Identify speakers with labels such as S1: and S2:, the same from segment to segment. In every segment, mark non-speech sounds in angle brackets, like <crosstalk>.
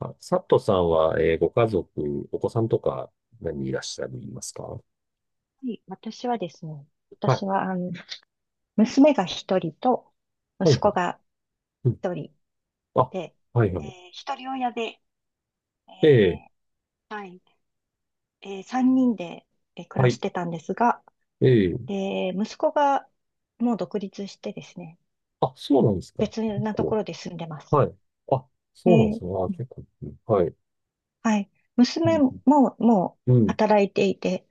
S1: あ、佐藤さんは、ご家族、お子さんとか何人いらっしゃるいますかは
S2: はい、私はですね、私は、
S1: い。
S2: 娘が一人と、
S1: はい
S2: 息
S1: は
S2: 子
S1: い。
S2: が
S1: うん。
S2: 一人
S1: あ、
S2: で、
S1: はいは
S2: え
S1: い。
S2: ー一人親で、
S1: ええ、
S2: えはい、三人で、暮
S1: は
S2: らし
S1: い。
S2: てたんですが、
S1: ええ。
S2: 息子がもう独立してですね、
S1: あ、そうなんですか。
S2: 別
S1: 結
S2: なとこ
S1: 構。
S2: ろで住んでます。
S1: はい。あ、
S2: え
S1: そうなんです
S2: ー
S1: ね。あ、結構。うんはい。
S2: はい、
S1: う
S2: 娘も
S1: ん。
S2: もう
S1: うん。
S2: 働いていて、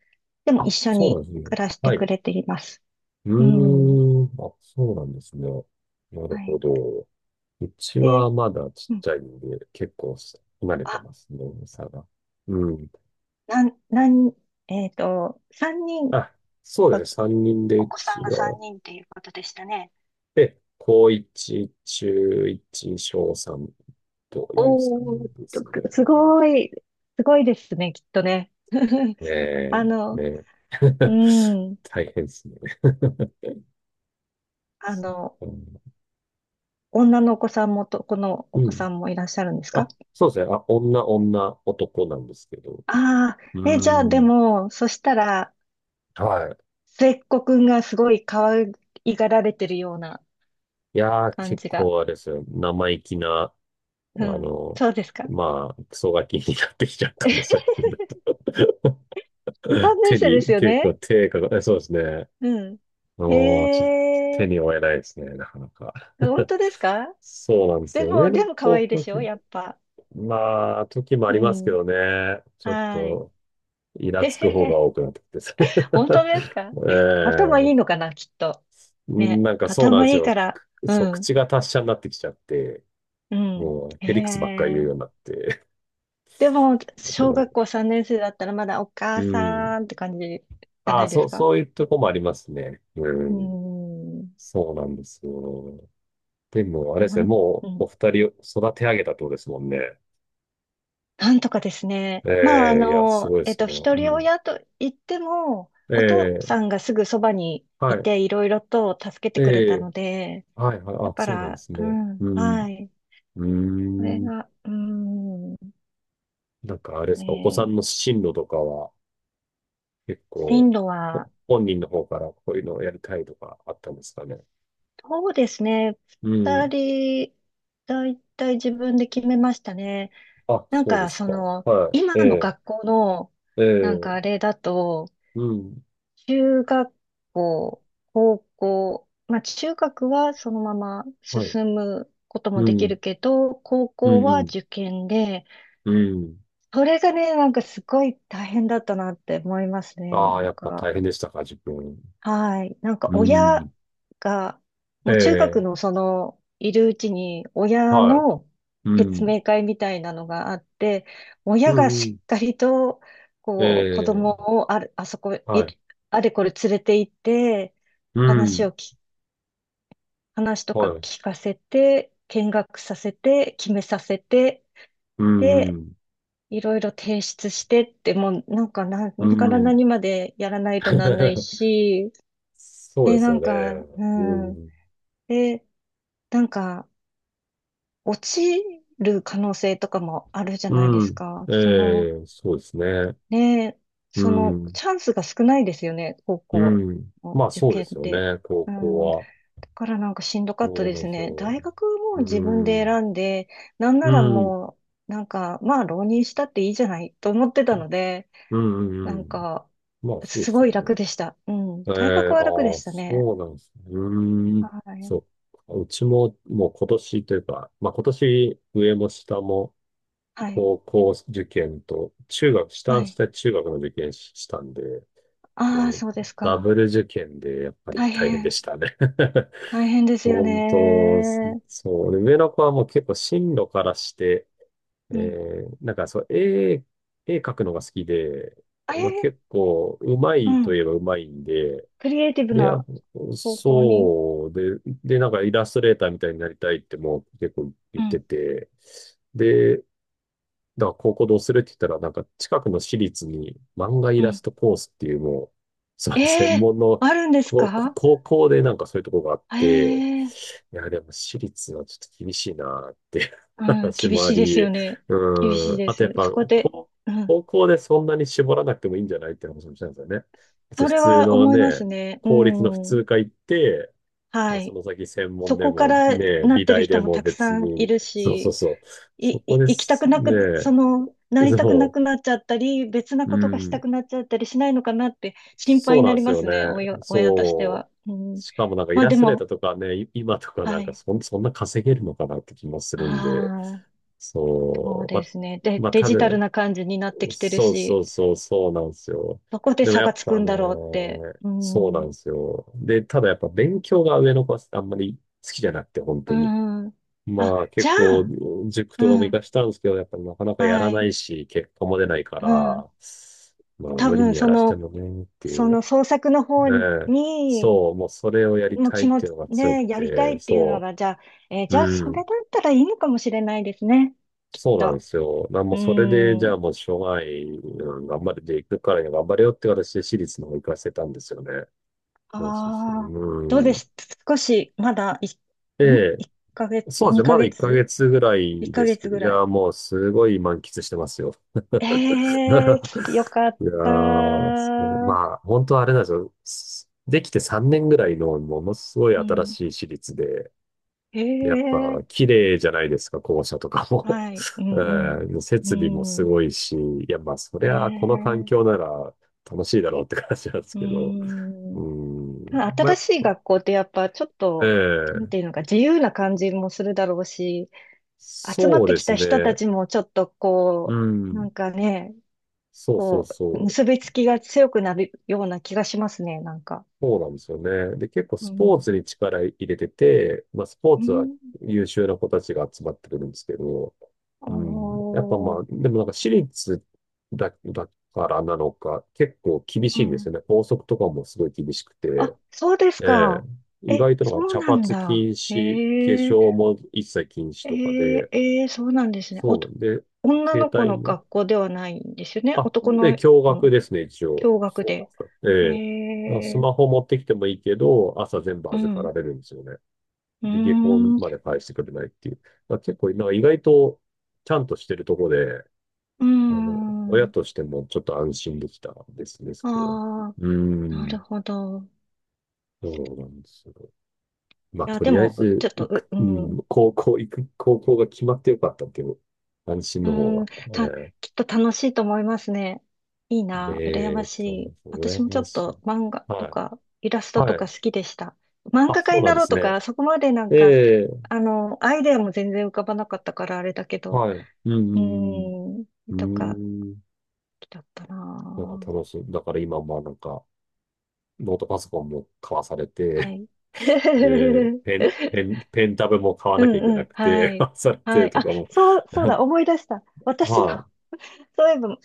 S2: でも一
S1: あ、
S2: 緒
S1: そうな
S2: に
S1: んですね。
S2: 暮らして
S1: は
S2: く
S1: い。
S2: れています。
S1: う
S2: うん、
S1: ーん。あ、そうなんですね。なる
S2: は
S1: ほ
S2: い。
S1: ど。うちは
S2: で、
S1: まだち
S2: う
S1: っ
S2: ん、
S1: ちゃいんで、結構離れて
S2: あ、
S1: ますね、差が。うん。
S2: なん、なん、えっと、三人、
S1: あ、そ
S2: お
S1: うですね。3人で、
S2: お
S1: う
S2: 子さ
S1: ち
S2: んが
S1: は。
S2: 三人っていうことでしたね。
S1: で、高1、中1、小3という
S2: おー、
S1: 3ですね。
S2: す
S1: なんで
S2: ごい、すごいですね、きっとね。<laughs> あ
S1: ええ
S2: の、
S1: ね。
S2: う
S1: <laughs>
S2: ん、
S1: 大変ですね。<laughs>
S2: あの、
S1: うん
S2: 女のお子さんも男のお子さんもいらっしゃるんですか？
S1: あ、そうですね。あ、男なんですけど。
S2: あ
S1: うー
S2: あー、え、じゃあで
S1: ん。
S2: も、そしたら、
S1: は
S2: 末っ子くんがすごい可愛がられてるような
S1: い。いやー、
S2: 感
S1: 結
S2: じが。
S1: 構あれですよ。生意気な、あ
S2: うん、
S1: の、
S2: そうですか。
S1: まあ、クソガキになってきちゃったの、
S2: <laughs>
S1: 最近だったら。
S2: 3年
S1: 手
S2: 生です
S1: に、
S2: よ
S1: 結
S2: ね。
S1: 構手が、えそうですね。
S2: うん。
S1: もう、ちょ
S2: へ
S1: っと手
S2: え。
S1: に負えないですね、なかなか。
S2: 本
S1: <laughs>
S2: 当ですか？
S1: そうなんです
S2: で
S1: よ。上
S2: も、で
S1: の
S2: も可
S1: 子
S2: 愛いで
S1: は
S2: しょ
S1: 結
S2: や
S1: 構、
S2: っぱ。
S1: まあ、時もあ
S2: う
S1: りますけ
S2: ん。
S1: どね。ちょっ
S2: はい。
S1: と、イラ
S2: <laughs> へ
S1: つ
S2: へ
S1: く方が
S2: へ。
S1: 多くなってきてですね。
S2: 本当ですか？
S1: <laughs>
S2: 頭い
S1: ええ
S2: いのかなきっと。ね。
S1: なんかそうなんで
S2: 頭
S1: す
S2: いい
S1: よ。
S2: から。
S1: くそ
S2: う
S1: う、
S2: ん。
S1: 口が達者になってきちゃって、
S2: うん。
S1: も
S2: へ
S1: う、へりくつばっかり言うよ
S2: え。
S1: うになって。
S2: でも、小学
S1: <laughs>
S2: 校3年生だったらまだお
S1: う
S2: 母
S1: ん。
S2: さんって感じじゃ
S1: あ
S2: な
S1: あ、
S2: いですか？
S1: そういうとこもありますね。う
S2: う
S1: ん。
S2: ん。い
S1: そうなんですよ。でも、あれ
S2: や
S1: で
S2: ほ
S1: すね、
S2: んう
S1: もう、お
S2: ん。
S1: 二人を育て上げたってことですもんね。
S2: なんとかですね。まあ、
S1: ええいや、すごいですね。
S2: 一
S1: う
S2: 人
S1: ん。
S2: 親と言っても、お父
S1: え
S2: さ
S1: え
S2: んがすぐそばに
S1: は
S2: い
S1: い。
S2: て、いろいろと助けて
S1: え
S2: くれた
S1: え、
S2: ので、
S1: はいはい、
S2: だ
S1: あ、
S2: か
S1: そうなんで
S2: ら、
S1: す
S2: う
S1: ね。
S2: ん、
S1: う
S2: は
S1: ん、
S2: い。
S1: うー
S2: これ
S1: ん。
S2: が、うん、
S1: なんかあれですか、お子さん
S2: ね、
S1: の進路とかは結
S2: 進
S1: 構、
S2: 路は、
S1: 本人の方からこういうのをやりたいとかあったんですかね。
S2: そうですね。
S1: う
S2: 二
S1: ん。
S2: 人、だいたい自分で決めましたね。
S1: あ、
S2: なん
S1: そうで
S2: か、
S1: す
S2: そ
S1: か。
S2: の、
S1: は
S2: 今
S1: い。
S2: の
S1: え
S2: 学校の、
S1: え、え
S2: なんかあ
S1: え、
S2: れだと、
S1: うん。
S2: 中学校、高校、まあ中学はそのまま
S1: はい。
S2: 進むことも
S1: う
S2: できる
S1: ん、
S2: けど、高
S1: う
S2: 校は
S1: ん、
S2: 受験で、
S1: うん、うん。
S2: それがね、なんかすごい大変だったなって思いますね、
S1: あ
S2: な
S1: あ、
S2: ん
S1: やっぱ
S2: か。
S1: 大変でしたか、自分。
S2: はい。なんか
S1: う
S2: 親
S1: ん。
S2: が、
S1: え
S2: もう中学
S1: え、
S2: のその、いるうちに親
S1: は
S2: の
S1: い。う
S2: 説
S1: ん、
S2: 明会みたいなのがあって、
S1: う
S2: 親が
S1: ん、う
S2: し
S1: ん。
S2: っかりと、
S1: え
S2: こう、子
S1: え、
S2: 供をある、あそこ、
S1: は
S2: い、
S1: い。
S2: あれこれ連れて行って、
S1: う
S2: 話
S1: ん、
S2: をき、話とか
S1: はい。
S2: 聞かせて、見学させて、決めさせて、
S1: うん、う
S2: で、
S1: ん。
S2: いろいろ提出してって、もうなんか何
S1: う
S2: から
S1: ん
S2: 何までやらないとなんない
S1: <laughs>
S2: し、
S1: そうです
S2: な
S1: よ
S2: ん
S1: ね。
S2: か、う
S1: う
S2: ん。
S1: ん。
S2: で、なんか、落ちる可能性とかもあるじゃないで
S1: う
S2: す
S1: ん。
S2: か。
S1: ええ、そうですね。
S2: ね、
S1: う
S2: その、
S1: ん。
S2: チャンスが少ないですよね、高
S1: う
S2: 校
S1: ん。
S2: の
S1: まあ
S2: 受
S1: そうで
S2: 験
S1: す
S2: っ
S1: よ
S2: て。
S1: ね。高
S2: う
S1: 校
S2: ん、だ
S1: は。
S2: からなんかしんどかった
S1: そう
S2: で
S1: だ
S2: すね。
S1: そ
S2: 大学も
S1: う。
S2: 自分
S1: う
S2: で
S1: ん。
S2: 選んで、なんな
S1: う
S2: ら
S1: ん。
S2: もう、なんか、まあ、浪人したっていいじゃないと思ってたので、
S1: うんうん
S2: な
S1: う
S2: ん
S1: ん。
S2: か、
S1: まあそう
S2: す
S1: です
S2: ご
S1: よ
S2: い
S1: ね。
S2: 楽でした。うん、
S1: え
S2: 大学
S1: え、
S2: は楽で
S1: ああ、そ
S2: したね。
S1: うなんですね。うーん。
S2: はい。
S1: そう。うちももう今年というか、まあ今年上も下も
S2: はい。
S1: 高校受験と中学、下
S2: は
S1: は
S2: い。
S1: 下中学の受験ししたんで、
S2: ああ、
S1: も
S2: そう
S1: う、
S2: です
S1: ダブ
S2: か。
S1: ル受験でやっぱり
S2: 大
S1: 大変で
S2: 変。
S1: したね。 <laughs>
S2: 大変ですよ
S1: 本当、
S2: ね。
S1: そう。で上の子はもう結構進路からして、
S2: うん。
S1: なんかそう、絵描くのが好きで、まあ、
S2: ええ
S1: 結構うま
S2: ー、う
S1: いといえば
S2: ん。
S1: うまいんで、
S2: クリエイティブ
S1: で、あ
S2: な方向に。
S1: そう、で、なんかイラストレーターみたいになりたいってもう結構言
S2: う
S1: って
S2: ん。
S1: て、で、だから高校どうするって言ったら、なんか近くの私立に漫画イ
S2: う
S1: ラス
S2: ん。
S1: トコースっていうもう、それ専
S2: ええ、
S1: 門の
S2: あるんです
S1: ここ
S2: か？
S1: 高校でなんかそういうとこがあって、
S2: ええ、
S1: いや、でも私立はちょっと厳しいなっていう
S2: う
S1: <laughs>
S2: ん。
S1: 話
S2: 厳
S1: もあ
S2: しいですよ
S1: り、
S2: ね。厳
S1: う
S2: しい
S1: ん、
S2: で
S1: あとやっ
S2: す。
S1: ぱ
S2: そこで、
S1: 高、
S2: うん。
S1: 高校でそんなに絞らなくてもいいんじゃないって話もしたんですよね。別に
S2: そ
S1: 普
S2: れ
S1: 通
S2: は
S1: の
S2: 思いま
S1: ね、
S2: すね。う
S1: 公立の普
S2: ん。
S1: 通科行って、ま
S2: は
S1: あ、そ
S2: い。
S1: の先専門
S2: そ
S1: で
S2: こか
S1: も
S2: ら
S1: ね、
S2: なっ
S1: 美
S2: てる
S1: 大
S2: 人
S1: で
S2: も
S1: も
S2: たく
S1: 別
S2: さんい
S1: に、
S2: るし、い、
S1: そこ
S2: い、
S1: で
S2: 行きた
S1: す
S2: くなく、そ
S1: ね。
S2: の、なりたくな
S1: そ
S2: くなっちゃったり、別な
S1: う。う
S2: ことがした
S1: ん。
S2: くなっちゃったりしないのかなって心配
S1: そう
S2: に
S1: なん
S2: な
S1: で
S2: り
S1: す
S2: ま
S1: よ
S2: す
S1: ね。
S2: ね、親として
S1: そ
S2: は。う
S1: う。
S2: ん。
S1: しかもなんかイ
S2: まあ
S1: ラ
S2: で
S1: ストレーター
S2: も、
S1: とかね、今とかな
S2: は
S1: んか
S2: い。
S1: そんな稼げるのかなって気もするんで。
S2: ああ、そう
S1: そう。
S2: ですね。で、
S1: まあ、
S2: デ
S1: た
S2: ジ
S1: だ、
S2: タルな感じになってきてるし、
S1: そうなんですよ。
S2: どこで
S1: でも
S2: 差
S1: や
S2: が
S1: っ
S2: つく
S1: ぱ
S2: ん
S1: ね、
S2: だろうって。う
S1: そうなん
S2: ん。
S1: ですよ。で、ただやっぱ勉強が上の子はあんまり好きじゃなくて、本当
S2: う
S1: に。
S2: ん。あ、
S1: まあ
S2: じ
S1: 結
S2: ゃ
S1: 構
S2: あ、
S1: 塾とかも
S2: う
S1: 行か
S2: ん。
S1: したんですけど、やっぱりなかなかや
S2: は
S1: らな
S2: い。
S1: いし、結果も出ないか
S2: うん。
S1: ら、まあ
S2: 多
S1: 無理
S2: 分、
S1: にや
S2: そ
S1: らして
S2: の、
S1: もねっていう。
S2: 創作の方に
S1: ええそう、もうそれをやり
S2: もう
S1: たい
S2: 気
S1: っ
S2: 持
S1: ていう
S2: ち、
S1: のが強く
S2: ね、やりた
S1: て、
S2: いっていうの
S1: そ
S2: が、じゃあ、えー
S1: う、
S2: じゃあ、そ
S1: う
S2: れだ
S1: ん、
S2: ったらいいのかもしれないですね。きっ
S1: そうなんで
S2: と。
S1: すよ。なも
S2: う
S1: うそれで、じ
S2: ー
S1: ゃあ
S2: ん。
S1: もうしょうがない、うん、頑張れていくからには頑張れよって形で私立の方行かせたんですよね。そう。
S2: ああ、どう
S1: う
S2: で
S1: ん。
S2: す？少し、まだ、
S1: で、
S2: 1 ヶ月、
S1: そうですね。
S2: 2
S1: まだ
S2: ヶ
S1: 1
S2: 月
S1: ヶ月ぐら
S2: 1
S1: い
S2: ヶ
S1: ですけ
S2: 月
S1: ど、
S2: ぐ
S1: い
S2: らい。
S1: や、もうすごい満喫してますよ。<laughs>
S2: ええー、よかっ
S1: いや
S2: た。
S1: ー、そうね
S2: う
S1: まあ、本当はあれなんですよ。すできて3年ぐらいのものすごい新
S2: ん。
S1: しい私立で、でやっぱ
S2: ええ
S1: 綺麗じゃないですか、校舎とか
S2: ー、
S1: も。
S2: はい。う
S1: <laughs>
S2: ん
S1: うん、
S2: う
S1: 設備も
S2: ん。
S1: す
S2: うん。
S1: ごいし、いや、まあ、そりゃ、この環
S2: え
S1: 境
S2: え
S1: なら楽しいだろうって感じなんです
S2: ー、
S1: けど。
S2: う
S1: う
S2: ん。た
S1: ん、
S2: だ
S1: まあ、や
S2: 新
S1: っ
S2: しい
S1: ぱ、
S2: 学校ってやっぱちょっと、なん
S1: ええ
S2: ていうのか、自由な感じもするだろうし、集まっ
S1: そう
S2: て
S1: で
S2: きた
S1: す
S2: 人た
S1: ね。
S2: ちもちょっと
S1: う
S2: こう、な
S1: ん、
S2: んかね、
S1: そうそう
S2: こ
S1: そ
S2: う、
S1: う。
S2: 結びつきが強くなるような気がしますね、なんか。
S1: そうなんですよね。で、結構
S2: う
S1: スポーツに
S2: ん。
S1: 力入れてて、まあ、スポー
S2: う
S1: ツは
S2: ん。
S1: 優秀な子たちが集まってくるんですけど、うん、やっぱ
S2: お
S1: まあ、
S2: ー。
S1: でもなんか私立だからなのか、結構厳
S2: う
S1: しいんです
S2: ん。
S1: よね。校則とかもすごい厳しく
S2: あ、
S1: て、
S2: そうです
S1: ええ、
S2: か。
S1: 意
S2: え、
S1: 外と
S2: そ
S1: なんか
S2: う
S1: 茶
S2: な
S1: 髪
S2: んだ。
S1: 禁止、化粧も一切禁止とかで、
S2: そうなんですね。
S1: そうなんで、
S2: 女
S1: 携
S2: の子
S1: 帯
S2: の
S1: も、
S2: 学校ではないんですよね。
S1: あ、
S2: 男
S1: で、
S2: の
S1: 驚
S2: 子
S1: 愕
S2: も。
S1: ですね、一応。
S2: 驚愕
S1: そうなん
S2: で。
S1: ですか。え
S2: え
S1: え。まあ、ス
S2: え、
S1: マホ持ってきてもいいけど、朝全部
S2: う
S1: 預か
S2: ん、
S1: ら
S2: う
S1: れるんですよね。
S2: ー
S1: で、下校
S2: ん、う
S1: まで返してくれないっていう。まあ、結構、なんか意外と、ちゃんとしてるとこで、
S2: ー
S1: あの、親
S2: ん。
S1: としてもちょっと安心できたですね、そ
S2: あ
S1: れは。
S2: あ、
S1: うー
S2: なる
S1: ん、
S2: ほど。い
S1: そうなんですよ。まあ、
S2: や、
S1: と
S2: で
S1: りあえ
S2: も、うちょ
S1: ず、
S2: っと、
S1: 行く、
S2: う、う
S1: う
S2: ん、
S1: ん、
S2: う
S1: 高校が決まってよかったっていう、安心
S2: ー
S1: の方
S2: ん、
S1: が。
S2: た、
S1: ええ
S2: きっと楽しいと思いますね。いい
S1: ね
S2: な、羨ま
S1: え、
S2: し
S1: と、
S2: い。私
S1: 羨
S2: もちょ
S1: ま
S2: っ
S1: しい。
S2: と漫画と
S1: はい。
S2: か、イラスト
S1: は
S2: とか
S1: い。
S2: 好きでした。漫
S1: あ、
S2: 画家
S1: そう
S2: に
S1: なん
S2: な
S1: で
S2: ろう
S1: す
S2: と
S1: ね。
S2: か、そこまでなんか、
S1: ええ、
S2: アイデアも全然浮かばなかったからあれだけど、
S1: はい。うん、う
S2: う
S1: ん、
S2: ーん、
S1: う
S2: と
S1: ん。
S2: か、好
S1: うーん。
S2: きだった
S1: なん
S2: な。
S1: か楽しい。だから今もなんか、ノートパソコンも買わされ
S2: は
S1: て、
S2: い。
S1: で、
S2: <laughs>
S1: ペンタブも買わ
S2: う
S1: なきゃいけ
S2: んう
S1: な
S2: ん。
S1: く
S2: は
S1: て、<laughs> 買
S2: い。
S1: わされ
S2: は
S1: て
S2: い。
S1: と
S2: あ、
S1: かも。
S2: そうだ、思い出した。
S1: <laughs>
S2: 私
S1: は
S2: の、<laughs> そういえば、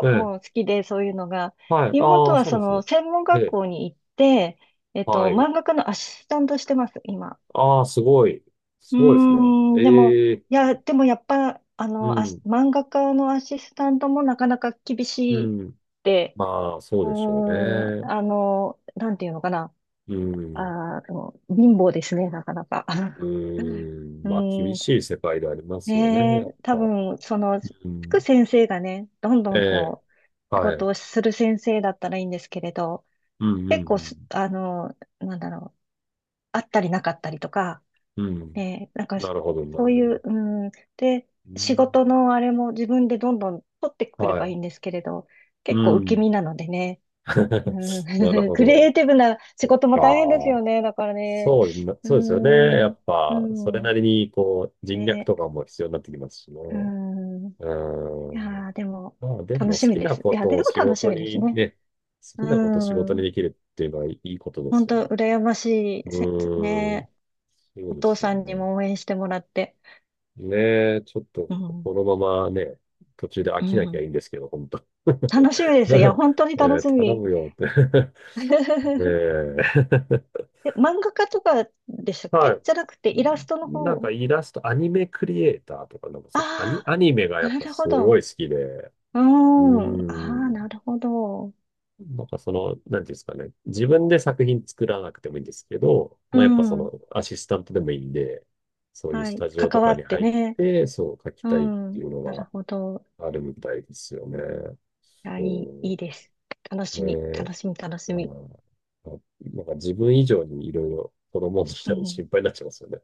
S1: い。ええ、
S2: も好きで、そういうのが。
S1: はい。あ
S2: 妹
S1: あ、
S2: は、
S1: そうな
S2: そ
S1: んです
S2: の、
S1: ね。
S2: 専門
S1: え
S2: 学
S1: え、
S2: 校に行って、
S1: はい。
S2: 漫画家のアシスタントしてます、今。
S1: ああ、すごい。す
S2: うー
S1: ごいですね。
S2: ん、でも、
S1: ええ、
S2: いや、でもやっぱ、
S1: うん、
S2: 漫画家のアシスタントもなかなか厳
S1: う
S2: しいっ
S1: ん。
S2: て、
S1: まあ、そ
S2: う
S1: う
S2: ー
S1: でしょう
S2: ん、
S1: ね。
S2: なんていうのかな。
S1: うん。
S2: あの貧乏ですね、なかなか。
S1: う
S2: <laughs>
S1: ーん、
S2: う
S1: まあ、厳
S2: ん、
S1: しい世界でありますよね、
S2: ねえ、
S1: やっ
S2: 多
S1: ぱ。
S2: 分、その、つ
S1: う
S2: く
S1: ん。
S2: 先生がね、どんど
S1: え
S2: ん
S1: え、
S2: こう、仕
S1: は
S2: 事
S1: い。
S2: をする先生だったらいいんですけれど、
S1: うん、う
S2: 結構す、
S1: ん、
S2: あの、なんだろう、あったりなかったりとか、
S1: うん。うん。
S2: ねえ、なんか、そ
S1: なる
S2: うい
S1: ほど。
S2: う、うん、で、
S1: う
S2: 仕
S1: ん。
S2: 事のあれも自分でどんどん取ってくれ
S1: は
S2: ばい
S1: い。
S2: いんですけれど、結
S1: う
S2: 構受け
S1: ん。
S2: 身なのでね、う
S1: <laughs>
S2: ん。
S1: なる
S2: <laughs>
S1: ほ
S2: クリエイ
S1: ど。
S2: ティブな仕
S1: そっ
S2: 事も大変です
S1: か。
S2: よね。だからね。
S1: そうな、
S2: うー
S1: そうですよね。や
S2: ん。
S1: っ
S2: う
S1: ぱ、それ
S2: ん。
S1: なりに、こう、人脈
S2: ね。
S1: とかも必要になってきますしね。
S2: うん。い
S1: うん。
S2: やー、でも、
S1: まあ、で
S2: 楽
S1: も、
S2: しみです。いや、でも楽しみですね。
S1: 好きなことを仕事
S2: う
S1: に
S2: ん。
S1: できるっていうのはいいことで
S2: 本
S1: すよ
S2: 当
S1: ね。
S2: 羨ましい。
S1: うん。
S2: ね。
S1: そ
S2: お
S1: うで
S2: 父
S1: すよ
S2: さんに
S1: ね。
S2: も応援してもらって。
S1: ねえ、ちょっと、
S2: うん。
S1: このままね、途中で飽
S2: う
S1: きなきゃ
S2: ん。
S1: いいんですけど、本当 <laughs>
S2: 楽しみです。いや、
S1: ね
S2: 本当に楽
S1: え
S2: し
S1: 頼
S2: み。
S1: むよって <laughs> ね
S2: <laughs>
S1: え
S2: え、漫画家とかでした
S1: <laughs>
S2: っ
S1: は
S2: け？
S1: い。
S2: じゃなくて、イラストの
S1: なん
S2: 方。
S1: かイラスト、アニメクリエイターとか、なんかそう
S2: あ
S1: アニメが
S2: あ、
S1: やっ
S2: な
S1: ぱ
S2: るほ
S1: すご
S2: ど。
S1: い好きで、う
S2: うー
S1: ー
S2: ん。ああ、
S1: ん。
S2: なるほど。
S1: なんかその、なんていうんですかね。自分で作品作らなくてもいいんですけど、
S2: う
S1: まあやっぱそ
S2: ん。
S1: のアシスタントでもいいんで、そういう
S2: は
S1: ス
S2: い。
S1: タジオ
S2: 関
S1: と
S2: わ
S1: かに
S2: って
S1: 入っ
S2: ね。
S1: て、そう書き
S2: う
S1: たいって
S2: ん。
S1: いうの
S2: なる
S1: が
S2: ほど。
S1: あるみたいですよね。
S2: いや、いい、い
S1: そ
S2: いです。楽
S1: う
S2: しみ、
S1: ね。
S2: 楽しみ、楽し
S1: まあ
S2: み。
S1: ーあなんか自分以上にいろいろ子供の
S2: う
S1: 人も心
S2: ん。
S1: 配になっちゃいますよね。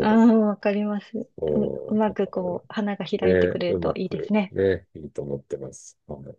S2: ああ、わかります。
S1: う。う
S2: う
S1: ん、
S2: ま
S1: だ
S2: く
S1: か
S2: こう、花が開いて
S1: らね、
S2: くれる
S1: う
S2: と
S1: ま
S2: いいです
S1: く
S2: ね。
S1: ね、いいと思ってます。はい